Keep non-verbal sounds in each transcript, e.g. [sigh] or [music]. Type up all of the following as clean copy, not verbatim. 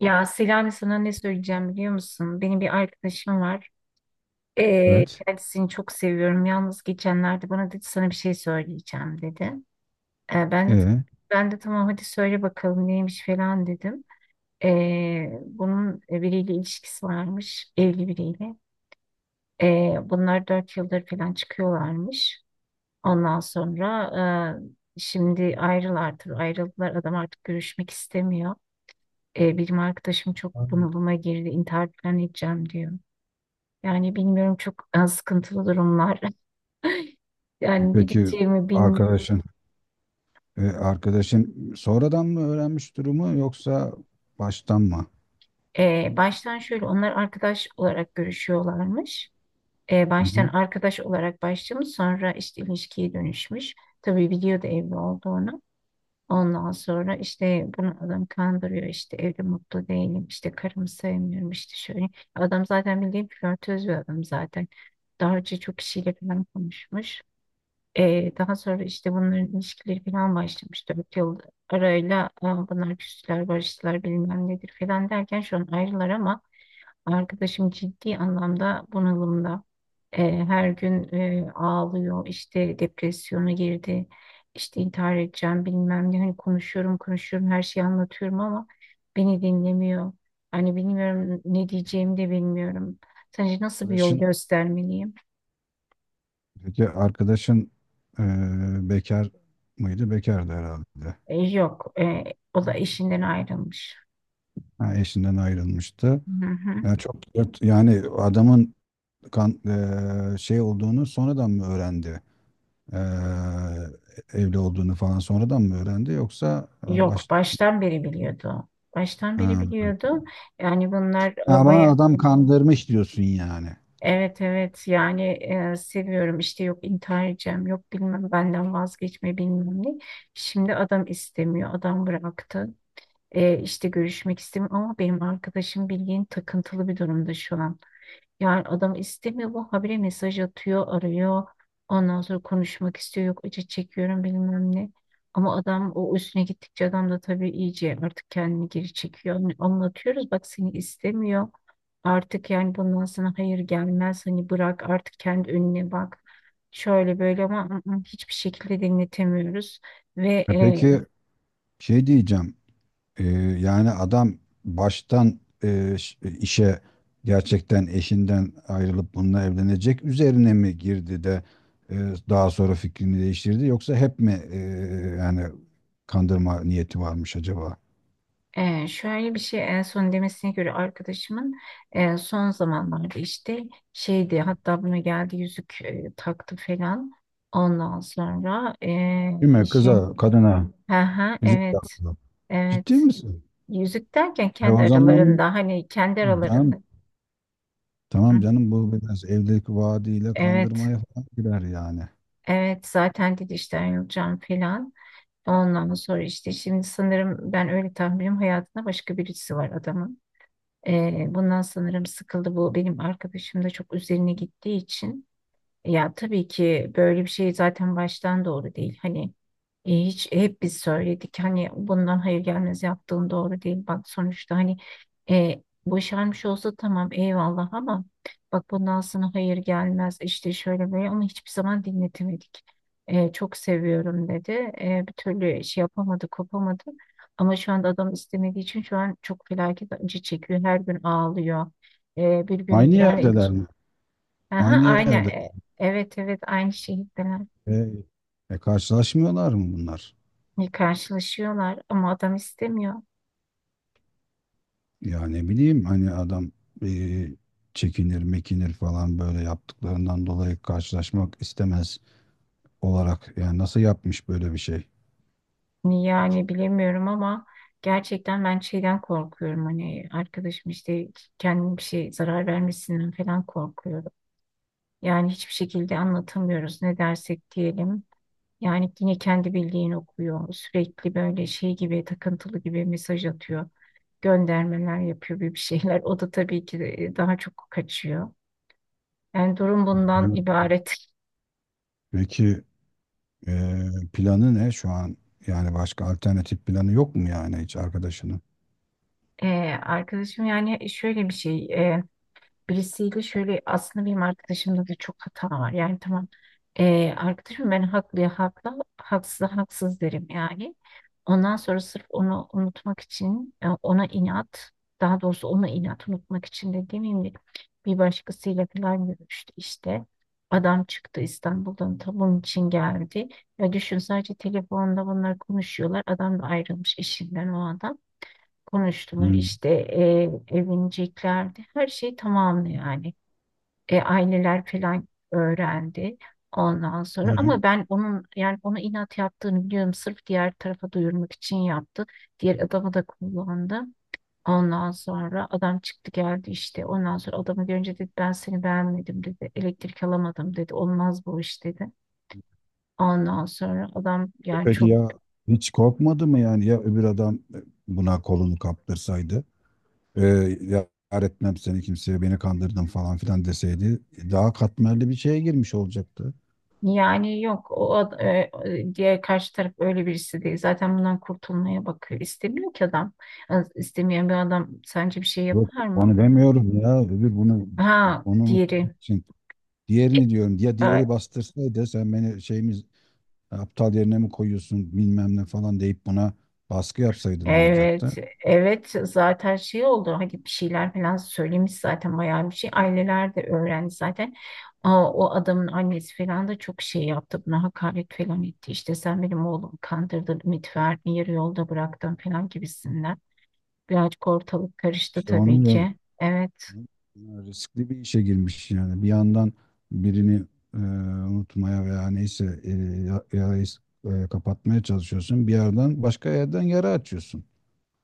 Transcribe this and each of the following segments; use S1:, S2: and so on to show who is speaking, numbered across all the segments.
S1: Ya Selami, sana ne söyleyeceğim biliyor musun? Benim bir arkadaşım var.
S2: Evet.
S1: Kendisini çok seviyorum. Yalnız geçenlerde bana dedi sana bir şey söyleyeceğim dedi. Ee, ben de
S2: Ee,
S1: ben de tamam hadi söyle bakalım neymiş falan dedim. Bunun biriyle ilişkisi varmış. Evli biriyle. Bunlar 4 yıldır falan çıkıyorlarmış. Ondan sonra şimdi ayrılardır. Ayrıldılar. Adam artık görüşmek istemiyor. Benim arkadaşım çok
S2: Aynen.
S1: bunalıma girdi, intihar falan edeceğim diyor. Yani bilmiyorum, çok sıkıntılı durumlar. [laughs] Yani ne
S2: peki
S1: diyeceğimi bilmiyorum.
S2: arkadaşın e, arkadaşın sonradan mı öğrenmiş durumu yoksa baştan mı?
S1: Baştan şöyle, onlar arkadaş olarak görüşüyorlarmış.
S2: Hı
S1: Baştan
S2: hı.
S1: arkadaş olarak başlamış, sonra işte ilişkiye dönüşmüş. Tabii biliyordu evli olduğunu. Ondan sonra işte bunu adam kandırıyor, işte evde mutlu değilim, işte karımı sevmiyorum, işte şöyle. Adam zaten bildiğin flörtöz bir adam zaten. Daha önce çok kişiyle falan konuşmuş. Daha sonra işte bunların ilişkileri falan başlamış. 4 yıl arayla, aa, bunlar küstüler, barıştılar, bilmem nedir falan derken şu an ayrılar, ama arkadaşım ciddi anlamda bunalımda. Ee, Her gün ağlıyor, işte depresyona girdi, işte intihar edeceğim, bilmem ne. Hani konuşuyorum, konuşuyorum, her şeyi anlatıyorum ama beni dinlemiyor. Hani bilmiyorum, ne diyeceğimi de bilmiyorum. Sence nasıl bir yol
S2: Arkadaşın
S1: göstermeliyim?
S2: peki arkadaşın e, bekar mıydı? Bekardı herhalde.
S1: Yok, o da eşinden ayrılmış.
S2: Ha, eşinden ayrılmıştı.
S1: Hı hı.
S2: Yani çok yani adamın kan, e, şey olduğunu sonradan mı öğrendi? E, Evli olduğunu falan sonradan mı öğrendi yoksa e,
S1: Yok,
S2: baş
S1: baştan beri biliyordu. Baştan beri
S2: ha.
S1: biliyordu. Yani bunlar
S2: Ama
S1: baya,
S2: adam kandırmış diyorsun yani.
S1: evet, evet, yani, seviyorum işte, yok intihar edeceğim, yok bilmem benden vazgeçme, bilmem ne. Şimdi adam istemiyor, adam bıraktı. İşte görüşmek istemiyor ama benim arkadaşım bildiğin takıntılı bir durumda şu an. Yani adam istemiyor, bu habire mesaj atıyor, arıyor. Ondan sonra konuşmak istiyor. Yok, acı çekiyorum, bilmem ne. Ama adam, o üstüne gittikçe adam da tabii iyice artık kendini geri çekiyor. Hani anlatıyoruz, bak, seni istemiyor. Artık yani bundan sana hayır gelmez. Hani bırak artık, kendi önüne bak. Şöyle böyle ama hiçbir şekilde dinletemiyoruz. Ve
S2: Peki, şey diyeceğim. e, Yani adam baştan işe gerçekten eşinden ayrılıp bununla evlenecek üzerine mi girdi de e, daha sonra fikrini değiştirdi yoksa hep mi yani kandırma niyeti varmış acaba?
S1: Şöyle bir şey, en son demesine göre arkadaşımın, son zamanlarda işte, şeydi, hatta buna geldi, yüzük taktı falan. Ondan sonra,
S2: Değil mi?
S1: işin,
S2: Kıza, kadına
S1: ha,
S2: yüzük
S1: evet,
S2: taktı. Ciddi
S1: evet,
S2: misin?
S1: yüzük derken
S2: E
S1: kendi
S2: o zaman
S1: aralarında, hani kendi aralarında.
S2: canım, tamam
S1: Hı,
S2: canım, bu biraz evdeki vaadiyle
S1: evet,
S2: kandırmaya falan girer yani.
S1: evet, zaten dedi işte ayrılacağım falan. Ondan sonra işte, şimdi sanırım, ben öyle tahminim, hayatında başka birisi var adamın. Bundan sanırım sıkıldı. Bu benim arkadaşım da çok üzerine gittiği için. Ya tabii ki böyle bir şey zaten baştan doğru değil. Hani hiç, hep biz söyledik, hani bundan hayır gelmez, yaptığın doğru değil. Bak sonuçta, hani boşanmış olsa tamam, eyvallah, ama bak bundan sana hayır gelmez, işte şöyle böyle, onu hiçbir zaman dinletemedik. Çok seviyorum dedi. Bir türlü şey yapamadı, kopamadı. Ama şu anda adam istemediği için şu an çok felaket acı çekiyor. Her gün ağlıyor. Bir
S2: Aynı
S1: gün yani...
S2: yerdeler mi?
S1: Aha,
S2: Aynı
S1: aynı.
S2: yerde.
S1: Evet, evet, aynı şehirdeler.
S2: E, Karşılaşmıyorlar mı bunlar?
S1: Karşılaşıyorlar ama adam istemiyor.
S2: Ya ne bileyim, hani adam e, çekinir mekinir falan, böyle yaptıklarından dolayı karşılaşmak istemez olarak. Yani nasıl yapmış böyle bir şey?
S1: Niye yani bilemiyorum ama gerçekten ben şeyden korkuyorum. Hani arkadaşım işte kendine bir şey zarar vermesinden falan korkuyorum. Yani hiçbir şekilde anlatamıyoruz, ne dersek diyelim. Yani yine kendi bildiğini okuyor. Sürekli böyle şey gibi, takıntılı gibi mesaj atıyor. Göndermeler yapıyor, bir şeyler. O da tabii ki de, daha çok kaçıyor. Yani durum bundan
S2: Hı.
S1: ibaret.
S2: Peki, planı ne şu an? Yani başka alternatif planı yok mu yani, hiç arkadaşının?
S1: Arkadaşım yani, şöyle bir şey, birisiyle şöyle, aslında benim arkadaşımda da çok hata var yani, tamam, arkadaşım, ben haklıya haklı, haksız haksız derim yani. Ondan sonra sırf onu unutmak için, ona inat, daha doğrusu ona inat unutmak için de demeyeyim de, bir başkasıyla falan görüştü işte. Adam çıktı İstanbul'dan, ta bunun için geldi. Ya düşün, sadece telefonda bunlar konuşuyorlar. Adam da ayrılmış eşinden, o adam konuştunuz
S2: Hmm.
S1: işte, evleneceklerdi. Her şey tamamdı yani. Aileler falan öğrendi ondan sonra,
S2: Evet.
S1: ama ben onun, yani onu inat yaptığını biliyorum. Sırf diğer tarafa duyurmak için yaptı. Diğer adamı da kullandı. Ondan sonra adam çıktı geldi işte. Ondan sonra adamı görünce dedi ben seni beğenmedim dedi. Elektrik alamadım dedi. Olmaz bu iş dedi. Ondan sonra adam yani
S2: Peki
S1: çok...
S2: ya hiç korkmadı mı yani, ya öbür adam buna kolunu kaptırsaydı? Ee, ya etmem seni kimseye, beni kandırdın falan filan deseydi, daha katmerli bir şeye girmiş olacaktı.
S1: Yani yok, o ad- e, e, diğer karşı taraf öyle birisi değil. Zaten bundan kurtulmaya bakıyor. İstemiyor ki adam. İstemeyen bir adam sence bir şey
S2: Yok,
S1: yapar mı?
S2: onu demiyorum ya. Öbür bunu,
S1: Ha,
S2: onu unuttuğum
S1: diğeri.
S2: için. Diğerini diyorum. Ya
S1: E,
S2: diğeri bastırsaydı sen beni, şeyimiz, aptal yerine mi koyuyorsun bilmem ne falan deyip buna baskı yapsaydı ne
S1: Evet,
S2: olacaktı?
S1: evet, zaten şey oldu. Hani bir şeyler falan söylemiş zaten, bayağı bir şey. Aileler de öğrendi zaten. Aa, o adamın annesi falan da çok şey yaptı. Buna hakaret falan etti. İşte sen benim oğlumu kandırdın, ümit verdin, yarı yolda bıraktın falan gibisinden. Birazcık ortalık karıştı
S2: İşte
S1: tabii
S2: onu da.
S1: ki. Evet,
S2: Yani riskli bir işe girmiş yani. Bir yandan birini e, unutmaya veya neyse yarayı kapatmaya çalışıyorsun. Bir yandan başka yerden yara açıyorsun.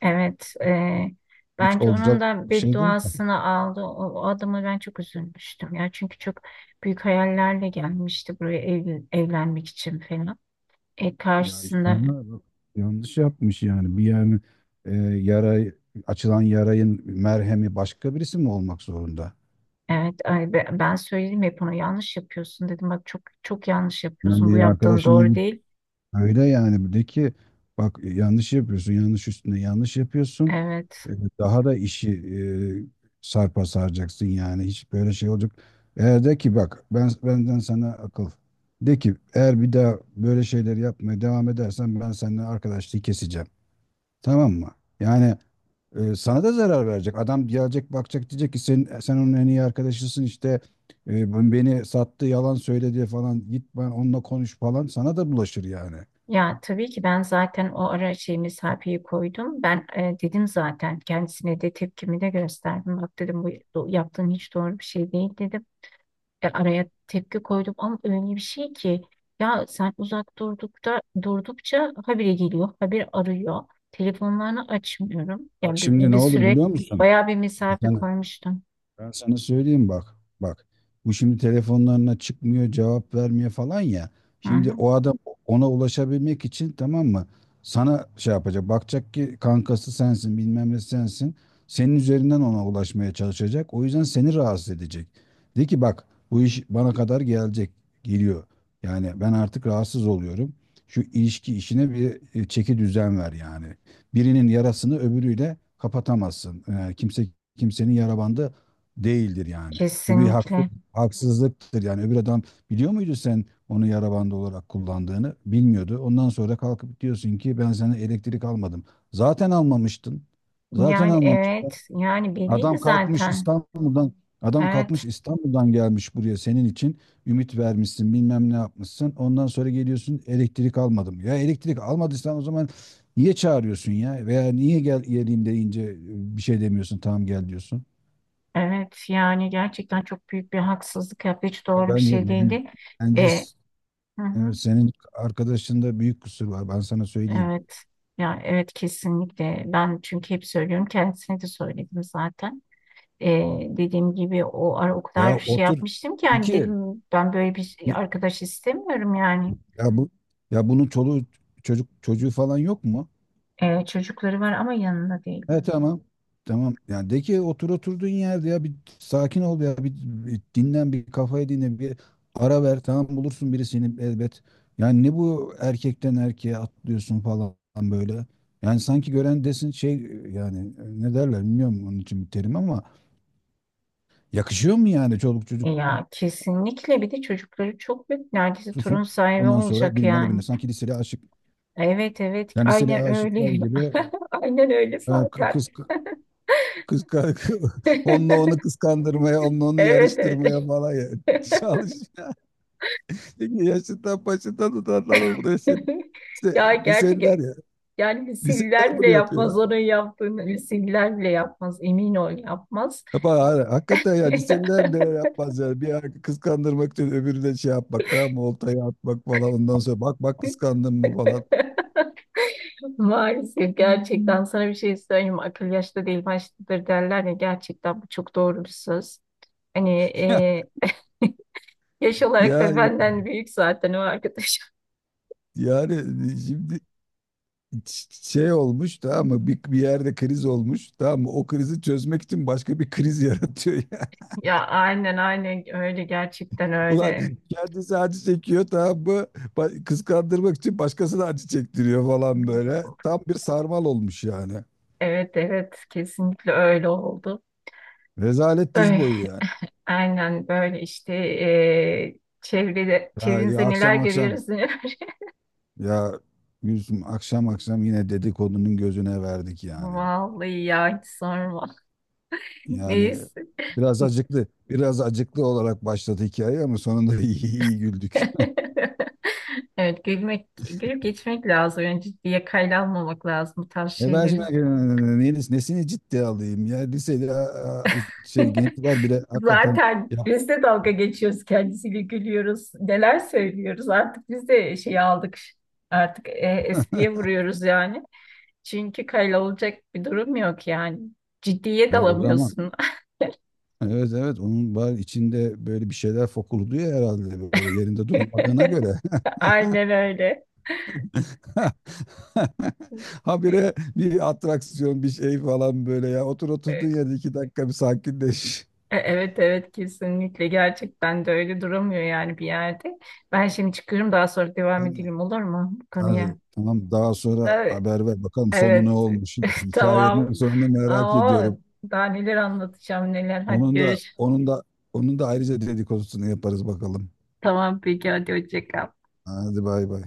S1: evet.
S2: Hiç
S1: Bence onun
S2: olacak
S1: da
S2: şey değil ki.
S1: bedduasını aldı. O adama ben çok üzülmüştüm ya. Çünkü çok büyük hayallerle gelmişti buraya, evlenmek için falan.
S2: Ya
S1: Karşısında...
S2: İskender, yanlış yapmış yani. Yani, yara açılan yarayın merhemi başka birisi mi olmak zorunda?
S1: Evet, ben söyledim hep ona yanlış yapıyorsun dedim. Bak çok çok yanlış
S2: Yani
S1: yapıyorsun. Bu
S2: bir
S1: yaptığın
S2: arkadaşına,
S1: doğru değil.
S2: öyle yani, bir, bak yanlış yapıyorsun, yanlış üstüne yanlış yapıyorsun.
S1: Evet.
S2: Ee, Daha da işi sarpa saracaksın yani, hiç böyle şey olacak. Eğer de ki bak, benden sana akıl. De ki eğer bir daha böyle şeyler yapmaya devam edersen, ben seninle arkadaşlığı keseceğim. Tamam mı? Yani, sana da zarar verecek. Adam gelecek, bakacak, diyecek ki sen onun en iyi arkadaşısın işte, beni sattı, yalan söyledi falan, git ben onunla konuş falan, sana da bulaşır yani.
S1: Ya tabii ki ben zaten o ara şey mesafeyi koydum. Ben, dedim zaten, kendisine de tepkimi de gösterdim. Bak dedim, bu yaptığın hiç doğru bir şey değil dedim. Araya tepki koydum ama öyle bir şey ki, ya sen uzak durdukta durdukça habire geliyor, habire arıyor. Telefonlarını açmıyorum.
S2: Bak
S1: Yani bir,
S2: şimdi ne
S1: bir
S2: olur
S1: süre
S2: biliyor musun?
S1: bayağı bir mesafe
S2: Sen,
S1: koymuştum.
S2: Ben sana söyleyeyim, bak. Bak. Bu şimdi telefonlarına çıkmıyor, cevap vermiyor falan ya.
S1: Hı
S2: Şimdi
S1: hı,
S2: o adam ona ulaşabilmek için, tamam mı, sana şey yapacak. Bakacak ki kankası sensin, bilmem ne sensin. Senin üzerinden ona ulaşmaya çalışacak. O yüzden seni rahatsız edecek. De ki bak, bu iş bana kadar gelecek, geliyor. Yani ben artık rahatsız oluyorum. Şu ilişki işine bir çeki düzen ver yani. Birinin yarasını öbürüyle kapatamazsın. Yani kimse kimsenin yara bandı değildir yani. Bu
S1: kesinlikle.
S2: haksızlıktır yani. Öbür adam biliyor muydu sen onu yara bandı olarak kullandığını? Bilmiyordu. Ondan sonra kalkıp diyorsun ki ben sana elektrik almadım. Zaten almamıştın. Zaten
S1: Yani
S2: almamıştın.
S1: evet, yani belli
S2: Adam kalkmış
S1: zaten.
S2: İstanbul'dan Adam kalkmış
S1: Evet.
S2: İstanbul'dan gelmiş buraya senin için, ümit vermişsin bilmem ne yapmışsın. Ondan sonra geliyorsun, elektrik almadım. Ya elektrik almadıysan o zaman niye çağırıyorsun ya? Veya niye gel geleyim deyince bir şey demiyorsun, tamam gel diyorsun.
S1: Evet yani gerçekten çok büyük bir haksızlık yaptı. Hiç
S2: Ya
S1: doğru bir
S2: bence,
S1: şey
S2: ben,
S1: değildi.
S2: bence
S1: E,
S2: s-
S1: hı hı,
S2: evet, senin arkadaşında büyük kusur var. Ben sana söyleyeyim.
S1: evet. Ya evet, kesinlikle. Ben çünkü hep söylüyorum. Kendisine de söyledim zaten. E, Dediğim gibi o ara o
S2: Ya
S1: kadar şey
S2: otur,
S1: yapmıştım ki, yani
S2: iki,
S1: dedim ben böyle bir şey, arkadaş istemiyorum yani.
S2: ya bu, ya bunun çoluğu çocuk çocuğu falan yok mu?
S1: Çocukları var ama yanında değil.
S2: He tamam. Tamam. Yani de ki otur oturduğun yerde, ya bir sakin ol, ya bir dinlen, bir kafayı dinle, bir ara ver, tamam bulursun birisini elbet. Yani ne bu erkekten erkeğe atlıyorsun falan böyle. Yani sanki gören desin, şey yani, ne derler bilmiyorum onun için bir terim, ama yakışıyor mu yani çoluk çocuk
S1: Ya kesinlikle, bir de çocukları çok büyük. Neredeyse torun
S2: tutsun.
S1: sahibi
S2: Ondan sonra
S1: olacak
S2: birinden öbürüne,
S1: yani.
S2: sanki liseli aşık.
S1: Evet, evet,
S2: Yani liseli
S1: aynen
S2: aşıklar
S1: öyle.
S2: gibi,
S1: [laughs] Aynen öyle
S2: ha,
S1: zaten.
S2: kız
S1: [laughs]
S2: kız [laughs] onunla
S1: [laughs]
S2: onu kıskandırmaya, onunla onu
S1: Evet, evet.
S2: yarıştırmaya falan ya. [laughs] Çalış. Peki yaşından başından tutarlar o buraya seni.
S1: [laughs]
S2: İşte
S1: Ya gerçek,
S2: liseliler ya.
S1: yani
S2: Liseliler
S1: misiller bile
S2: bunu
S1: yapmaz
S2: yapıyor.
S1: onun yaptığını, misiller bile yapmaz, emin ol yapmaz.
S2: Yapar, ha, hakikaten ya,
S1: [laughs]
S2: liseliler bile öyle yapmaz yani. Bir ara kıskandırmak için öbürüne şey yapmak, tamam mı? Oltayı atmak falan, ondan sonra bak bak kıskandın mı falan.
S1: Maalesef, gerçekten sana bir şey söyleyeyim mi? Akıl yaşta değil baştadır derler ya, gerçekten bu çok doğru bir söz. Hani
S2: [laughs]
S1: e, yaş olarak
S2: Ya
S1: da benden büyük zaten o arkadaş. [laughs]
S2: yani şimdi şey olmuş, tamam mı? Bir yerde kriz olmuş, tamam mı? O krizi çözmek için başka bir kriz [laughs] yaratıyor ya.
S1: Ya aynen, aynen öyle, gerçekten
S2: Ulan
S1: öyle.
S2: kendisi acı çekiyor, tamam mı? Kıskandırmak için başkasına acı çektiriyor falan böyle. Tam bir sarmal olmuş yani.
S1: Evet, evet, kesinlikle öyle oldu.
S2: Rezalet diz
S1: Öyle.
S2: boyu yani.
S1: Aynen böyle işte, çevrede,
S2: Ya,
S1: çevrenizde neler
S2: akşam akşam,
S1: görüyoruz, neler.
S2: ya Gülsüm, akşam akşam yine dedikodunun gözüne verdik
S1: [laughs]
S2: yani.
S1: Vallahi ya, hiç sorma.
S2: Yani
S1: Neyse.
S2: biraz acıklı, biraz acıklı olarak başladı hikaye ama sonunda [laughs] iyi, iyi güldük.
S1: [laughs] Evet, gülmek, gülüp geçmek lazım. Yani ciddiye, kayda almamak lazım bu tarz
S2: Ben şimdi
S1: şeyleri.
S2: nesini ciddiye alayım, ya lisede şey,
S1: [laughs]
S2: gençler bile hakikaten.
S1: Zaten
S2: ya,
S1: biz de dalga geçiyoruz kendisiyle, gülüyoruz. Neler söylüyoruz, artık biz de şey aldık. Artık espriye vuruyoruz yani. Çünkü kayda olacak bir durum yok yani. Ciddiye
S2: ya o zaman,
S1: dalamıyorsun.
S2: evet, evet, onun var içinde böyle bir şeyler fokurduyor herhalde, böyle yerinde duramadığına göre
S1: [laughs] Aynen öyle.
S2: [laughs]
S1: E-
S2: habire bir atraksiyon bir şey falan böyle, ya otur oturduğun
S1: e-
S2: yerde 2 dakika bir sakinleş.
S1: Evet, evet, kesinlikle, gerçekten de öyle duramıyor yani bir yerde. Ben şimdi çıkıyorum, daha sonra devam
S2: Aynen.
S1: edelim olur mu bu
S2: Ha,
S1: konuya?
S2: tamam, daha sonra
S1: Evet,
S2: haber ver bakalım sonu ne
S1: evet.
S2: olmuş.
S1: [laughs]
S2: [laughs]
S1: Tamam.
S2: Hikayenin sonunu merak
S1: Aa,
S2: ediyorum.
S1: daha neler anlatacağım, neler. Hadi
S2: Onun da
S1: görüş.
S2: onun da onun da ayrıca dedikodusunu yaparız bakalım.
S1: Tamam peki, hadi hoşça kal.
S2: Hadi bay bay.